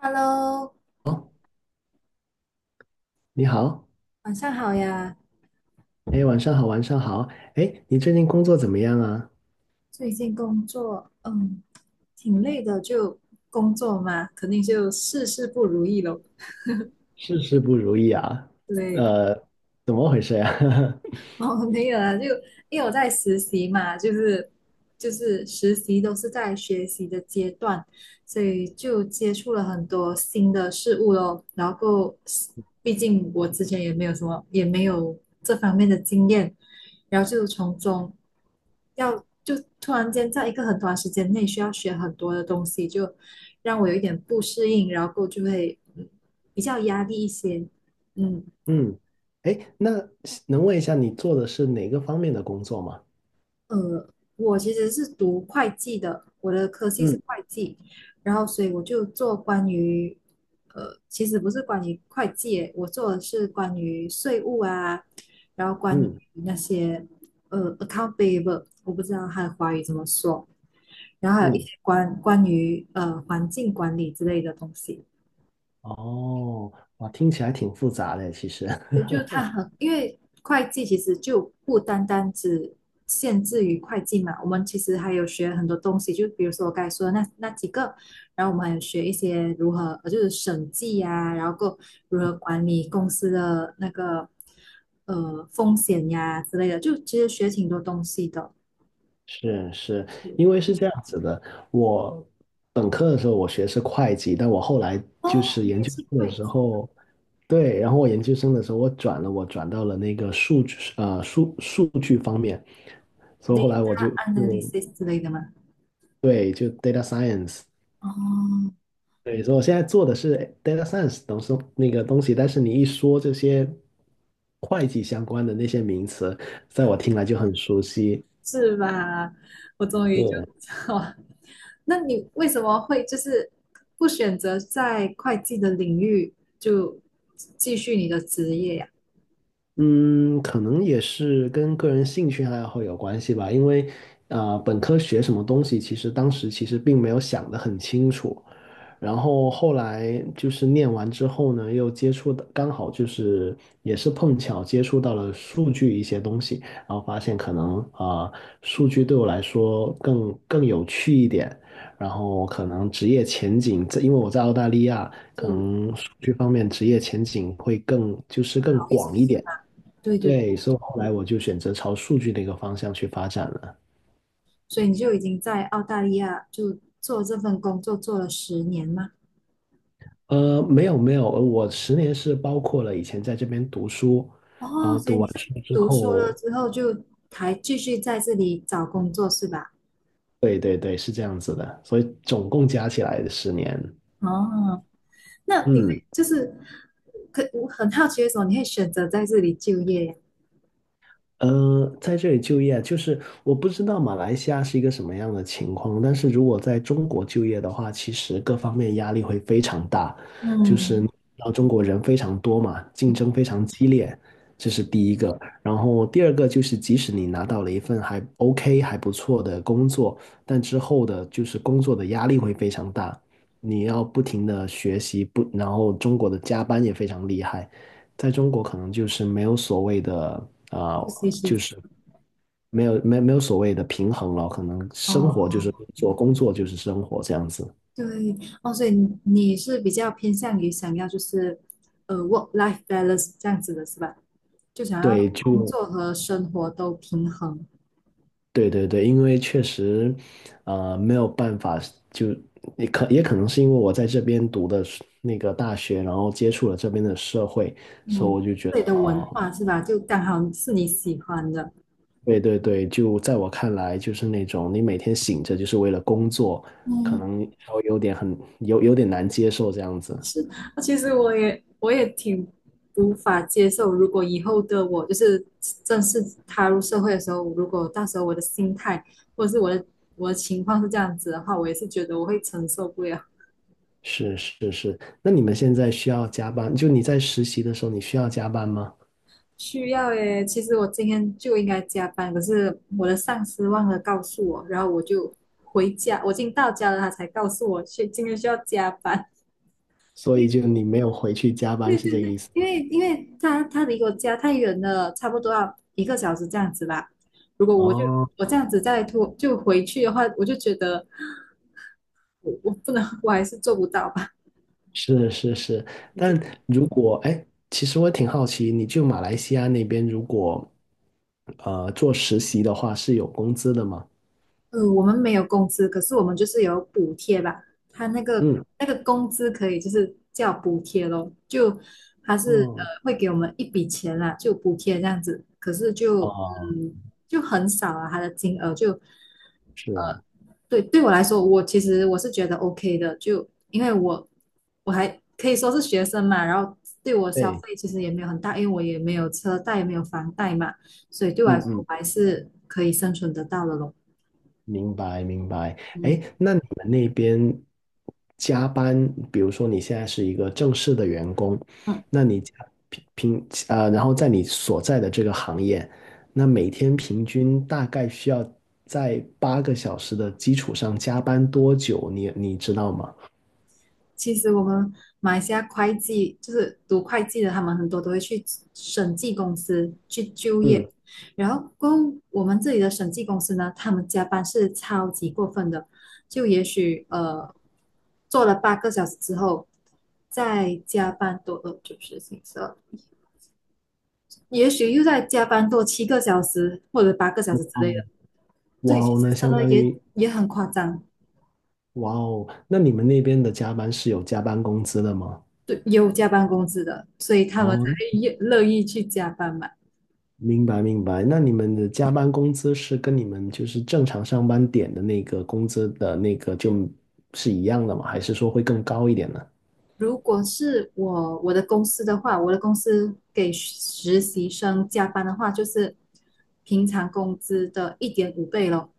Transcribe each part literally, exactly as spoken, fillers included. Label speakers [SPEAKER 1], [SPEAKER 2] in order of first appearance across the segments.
[SPEAKER 1] Hello，
[SPEAKER 2] 哦，你好，
[SPEAKER 1] 晚上好呀。
[SPEAKER 2] 哎，晚上好，晚上好，哎，你最近工作怎么样啊？
[SPEAKER 1] 最近工作，嗯，挺累的，就工作嘛，肯定就事事不如意咯。
[SPEAKER 2] 事事不如意啊？
[SPEAKER 1] 对，
[SPEAKER 2] 呃，怎么回事呀、啊？
[SPEAKER 1] 哦，没有啊，就因为我在实习嘛，就是就是实习都是在学习的阶段，所以就接触了很多新的事物咯。然后，毕竟我之前也没有什么，也没有这方面的经验，然后就从中。要就突然间在一个很短时间内需要学很多的东西，就让我有一点不适应，然后就会嗯比较压力一些。嗯
[SPEAKER 2] 嗯，哎，那能问一下你做的是哪个方面的工作吗？
[SPEAKER 1] 呃，我其实是读会计的，我的科系是
[SPEAKER 2] 嗯
[SPEAKER 1] 会计，然后所以我就做关于呃，其实不是关于会计耶，我做的是关于税务啊，然后关于
[SPEAKER 2] 嗯
[SPEAKER 1] 那些呃 account payable，我不知道它的华语怎么说。然后还有一些
[SPEAKER 2] 嗯，
[SPEAKER 1] 关关于呃环境管理之类的东西，
[SPEAKER 2] 哦，哇，听起来挺复杂的，其实。
[SPEAKER 1] 也 就它很，因为会计其实就不单单只限制于会计嘛，我们其实还有学很多东西，就比如说我刚才说的那那几个，然后我们还有学一些如何，呃就是审计呀、然后够如何管理公司的那个呃风险呀之类的，就其实学挺多东西的。
[SPEAKER 2] 是是，
[SPEAKER 1] 是
[SPEAKER 2] 因为是这样子的，我本科的时候我学的是会计，但我后来就
[SPEAKER 1] 哦，
[SPEAKER 2] 是
[SPEAKER 1] 你
[SPEAKER 2] 研
[SPEAKER 1] 也
[SPEAKER 2] 究
[SPEAKER 1] 是
[SPEAKER 2] 生的
[SPEAKER 1] 会
[SPEAKER 2] 时候，对，然后我研究生的时候我转了，我转到了那个数据呃数数据方面，所以后来
[SPEAKER 1] data
[SPEAKER 2] 我就就
[SPEAKER 1] analysis 之类的吗？
[SPEAKER 2] 对，就 data science，
[SPEAKER 1] 哦，
[SPEAKER 2] 对，所以我现在做的是 data science 东西那个东西，但是你一说这些会计相关的那些名词，在我听来就很熟悉，
[SPEAKER 1] 是吧？我终于就
[SPEAKER 2] 对。
[SPEAKER 1] 哇，那你为什么会就是不选择在会计的领域就继续你的职业呀、
[SPEAKER 2] 嗯，可能也是跟个人兴趣爱好有关系吧，因为啊、呃本科学什么东西，其实当时其实并没有想得很清楚，然后后来就是念完之后呢，又接触的刚好就是也是碰巧接触到了数据一些东西，然后发现可能啊、呃数据对我来说更更有趣一点，然后可能职业前景，这因为我在澳大利亚，可
[SPEAKER 1] 是
[SPEAKER 2] 能数据方面职业前景会更就是更
[SPEAKER 1] 好一些
[SPEAKER 2] 广一
[SPEAKER 1] 是
[SPEAKER 2] 点。
[SPEAKER 1] 吧？对对对，
[SPEAKER 2] 对，所以后来我就选择朝数据的一个方向去发展了。
[SPEAKER 1] 所以你就已经在澳大利亚就做这份工作做了十年吗？
[SPEAKER 2] 呃，没有没有，呃我十年是包括了以前在这边读书，然
[SPEAKER 1] 哦，
[SPEAKER 2] 后
[SPEAKER 1] 所以
[SPEAKER 2] 读
[SPEAKER 1] 你
[SPEAKER 2] 完
[SPEAKER 1] 是
[SPEAKER 2] 书之
[SPEAKER 1] 读书了
[SPEAKER 2] 后，
[SPEAKER 1] 之后就还继续在这里找工作是吧？
[SPEAKER 2] 对对对，是这样子的，所以总共加起来的十年，
[SPEAKER 1] 哦，那你
[SPEAKER 2] 嗯。
[SPEAKER 1] 就是可我很好奇为什么你会选择在这里就业呀？
[SPEAKER 2] 呃，在这里就业，就是我不知道马来西亚是一个什么样的情况，但是如果在中国就业的话，其实各方面压力会非常大，就是
[SPEAKER 1] 嗯，
[SPEAKER 2] 你知道中国人非常多嘛，竞争非常激烈，这是第一个。然后第二个就是，即使你拿到了一份还 OK 还不错的工作，但之后的就是工作的压力会非常大，你要不停的学习，不，然后中国的加班也非常厉害。在中国可能就是没有所谓的啊、
[SPEAKER 1] 复
[SPEAKER 2] 呃
[SPEAKER 1] 习时间
[SPEAKER 2] 没有没有没有所谓的平衡了，可能生活
[SPEAKER 1] 哦，
[SPEAKER 2] 就是工作，工作就是生活这样子。
[SPEAKER 1] 对哦，所以你你是比较偏向于想要就是呃 work life balance 这样子的是吧？就想要
[SPEAKER 2] 对，
[SPEAKER 1] 工
[SPEAKER 2] 就
[SPEAKER 1] 作和生活都平衡，
[SPEAKER 2] 对对对，因为确实，呃，没有办法，就也可也可能是因为我在这边读的是那个大学，然后接触了这边的社会，所以
[SPEAKER 1] 嗯，
[SPEAKER 2] 我就觉
[SPEAKER 1] 这里
[SPEAKER 2] 得
[SPEAKER 1] 的文
[SPEAKER 2] 啊、
[SPEAKER 1] 化是吧？就刚好是你喜欢的，
[SPEAKER 2] 对对对，就在我看来，就是那种你每天醒着就是为了工作，可
[SPEAKER 1] 嗯，
[SPEAKER 2] 能稍微有点很有有点难接受这样子。
[SPEAKER 1] 是。那其实我也我也挺无法接受，如果以后的我就是正式踏入社会的时候，如果到时候我的心态或者是我的我的情况是这样子的话，我也是觉得我会承受不了。
[SPEAKER 2] 是是是，那你们现在需要加班？就你在实习的时候，你需要加班吗？
[SPEAKER 1] 需要耶，其实我今天就应该加班，可是我的上司忘了告诉我，然后我就回家，我已经到家了，他才告诉我去今天需要加班。
[SPEAKER 2] 所以就你没有回去加 班，
[SPEAKER 1] 对
[SPEAKER 2] 是这
[SPEAKER 1] 对
[SPEAKER 2] 个
[SPEAKER 1] 对，
[SPEAKER 2] 意思
[SPEAKER 1] 因
[SPEAKER 2] 吗？
[SPEAKER 1] 为因为他他离我家太远了，差不多要一个小时这样子吧。如果我就
[SPEAKER 2] 哦，
[SPEAKER 1] 我这样子再拖就回去的话，我就觉得我我不能，我还是做不到吧。
[SPEAKER 2] 是是是，但如果哎，其实我挺好奇，你就马来西亚那边如果呃做实习的话，是有工资的吗？
[SPEAKER 1] 嗯，我们没有工资，可是我们就是有补贴吧。他那个
[SPEAKER 2] 嗯，
[SPEAKER 1] 那个工资可以就是叫补贴咯，就他是呃
[SPEAKER 2] 嗯，
[SPEAKER 1] 会给我们一笔钱啦，就补贴这样子。可是就
[SPEAKER 2] 哦，
[SPEAKER 1] 嗯就很少啊，他的金额就
[SPEAKER 2] 是，
[SPEAKER 1] 对对我来说，我其实我是觉得 OK 的，就因为我我还可以说是学生嘛，然后对我消
[SPEAKER 2] 对，
[SPEAKER 1] 费其实也没有很大，因为我也没有车贷，也没有房贷嘛，所以对我来
[SPEAKER 2] 嗯
[SPEAKER 1] 说
[SPEAKER 2] 嗯。
[SPEAKER 1] 我还是可以生存得到的咯。
[SPEAKER 2] 明白，明白。哎，
[SPEAKER 1] 嗯
[SPEAKER 2] 那你们那边加班，比如说你现在是一个正式的员工，
[SPEAKER 1] 嗯。
[SPEAKER 2] 那你加平平呃，然后在你所在的这个行业，那每天平均大概需要在八个小时的基础上加班多久？你你知道吗？
[SPEAKER 1] 其实我们马来西亚会计就是读会计的，他们很多都会去审计公司去就
[SPEAKER 2] 嗯，
[SPEAKER 1] 业。然后，过后我们这里的审计公司呢，他们加班是超级过分的，就也许呃做了八个小时之后，再加班多呃就是行色，也许又再加班多七个小时或者八个小时之
[SPEAKER 2] 哦，
[SPEAKER 1] 类的。
[SPEAKER 2] 哇
[SPEAKER 1] 对，其
[SPEAKER 2] 哦，
[SPEAKER 1] 实
[SPEAKER 2] 那
[SPEAKER 1] 真
[SPEAKER 2] 相
[SPEAKER 1] 的
[SPEAKER 2] 当
[SPEAKER 1] 也
[SPEAKER 2] 于
[SPEAKER 1] 也很夸张，
[SPEAKER 2] 哇哦，那你们那边的加班是有加班工资的吗？
[SPEAKER 1] 对，有加班工资的，所以他们才
[SPEAKER 2] 哦，
[SPEAKER 1] 越乐意去加班嘛。
[SPEAKER 2] 明白明白。那你们的加班工资是跟你们就是正常上班点的那个工资的那个就是一样的吗？还是说会更高一点呢？
[SPEAKER 1] 如果是我我的公司的话，我的公司给实习生加班的话，就是平常工资的一点五倍咯，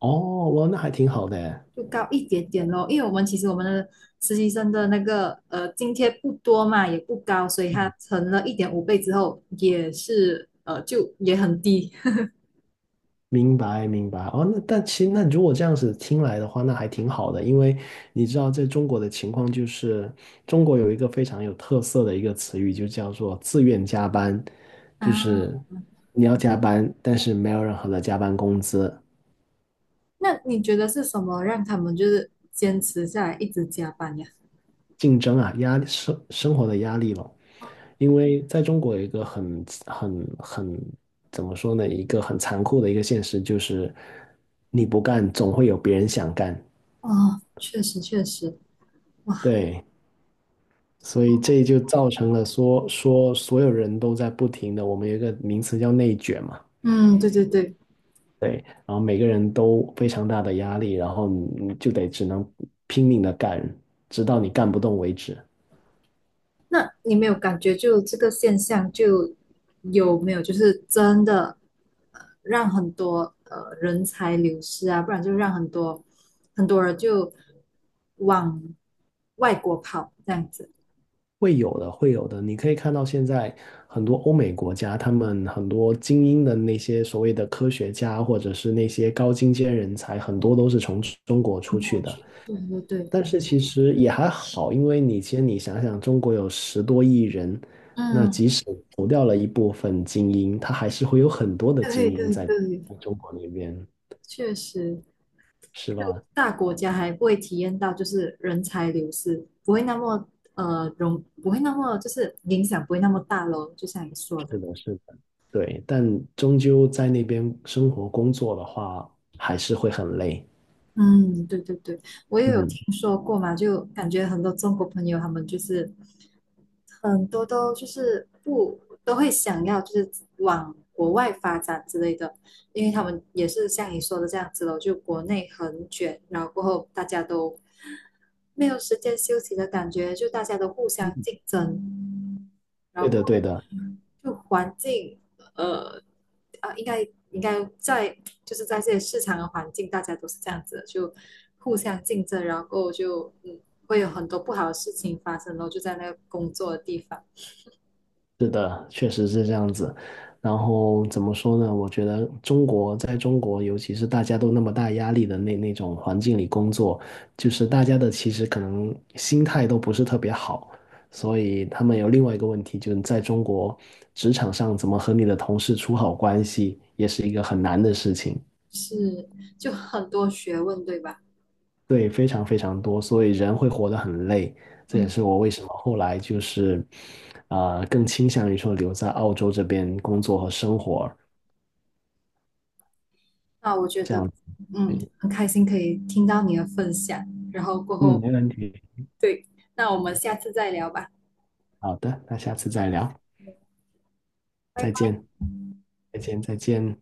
[SPEAKER 2] 哦，哇，那还挺好的诶。
[SPEAKER 1] 就高一点点咯。因为我们其实我们的实习生的那个呃津贴不多嘛，也不高，所以它乘了一点五倍之后，也是呃就也很低
[SPEAKER 2] 明白，明白。哦，那但其实那如果这样子听来的话，那还挺好的，因为你知道，在中国的情况就是，中国有一个非常有特色的一个词语，就叫做自愿加班，就
[SPEAKER 1] 啊。
[SPEAKER 2] 是你要加班，但是没有任何的加班工资，
[SPEAKER 1] 那你觉得是什么让他们就是坚持下来一直加班呀？
[SPEAKER 2] 竞争啊，压力生生活的压力咯。因为在中国有一个很很很怎么说呢，一个很残酷的一个现实就是，你不干，总会有别人想干。
[SPEAKER 1] 哦，确实确实，哇，
[SPEAKER 2] 对，所以这就造成了说说所有人都在不停的，我们有一个名词叫内卷嘛，
[SPEAKER 1] 嗯，对对对，
[SPEAKER 2] 对，然后每个人都非常大的压力，然后你你就得只能拼命的干，直到你干不动为止。
[SPEAKER 1] 那你没有感觉就这个现象就有没有就是真的呃让很多呃人才流失啊，不然就让很多很多人就往外国跑这样子。
[SPEAKER 2] 会有的，会有的。你可以看到现在很多欧美国家，他们很多精英的那些所谓的科学家，或者是那些高精尖人才，很多都是从中国
[SPEAKER 1] 看
[SPEAKER 2] 出
[SPEAKER 1] 过
[SPEAKER 2] 去的。
[SPEAKER 1] 去，对对对，
[SPEAKER 2] 但是其实也还好，因为你先你想想，中国有十多亿人，那
[SPEAKER 1] 嗯，
[SPEAKER 2] 即使除掉了一部分精英，他还是会有很多的精
[SPEAKER 1] 对
[SPEAKER 2] 英
[SPEAKER 1] 对
[SPEAKER 2] 在在
[SPEAKER 1] 对，
[SPEAKER 2] 中国那边，
[SPEAKER 1] 确实，
[SPEAKER 2] 是
[SPEAKER 1] 就
[SPEAKER 2] 吧？
[SPEAKER 1] 大国家还不会体验到就是人才流失，不会那么呃容，不会那么就是影响不会那么大咯，就像你说的。
[SPEAKER 2] 是的，是的。对，但终究在那边生活工作的话，还是会很累。
[SPEAKER 1] 嗯，对对对，我也有
[SPEAKER 2] 嗯。
[SPEAKER 1] 听说过嘛，就感觉很多中国朋友他们就是很多都就是不都会想要就是往国外发展之类的，因为他们也是像你说的这样子咯，就国内很卷，然后过后大家都没有时间休息的感觉，就大家都互相竞争，然
[SPEAKER 2] 对的，
[SPEAKER 1] 后。
[SPEAKER 2] 对的，
[SPEAKER 1] 就环境，呃，啊，应该应该在就是在这些市场的环境，大家都是这样子的就互相竞争，然后就嗯，会有很多不好的事情发生，然后就在那个工作的地方
[SPEAKER 2] 是的，确实是这样子。然后怎么说呢？我觉得中国在中国，尤其是大家都那么大压力的那那种环境里工作，就是大家的其实可能心态都不是特别好，所以他们有另外一个问题，就是在中国职场上怎么和你的同事处好关系，也是一个很难的事情。
[SPEAKER 1] 是就很多学问，对吧？
[SPEAKER 2] 对，非常非常多，所以人会活得很累。这也
[SPEAKER 1] 嗯，
[SPEAKER 2] 是我为什么后来就是，呃，更倾向于说留在澳洲这边工作和生活
[SPEAKER 1] 那我觉
[SPEAKER 2] 这
[SPEAKER 1] 得
[SPEAKER 2] 样子。
[SPEAKER 1] 嗯，很开心可以听到你的分享，然后过
[SPEAKER 2] 嗯，
[SPEAKER 1] 后
[SPEAKER 2] 没问题。
[SPEAKER 1] 对，那我们下次再聊吧，
[SPEAKER 2] 好的，那下次再聊，
[SPEAKER 1] 拜
[SPEAKER 2] 再
[SPEAKER 1] 拜。
[SPEAKER 2] 见，再见，再见。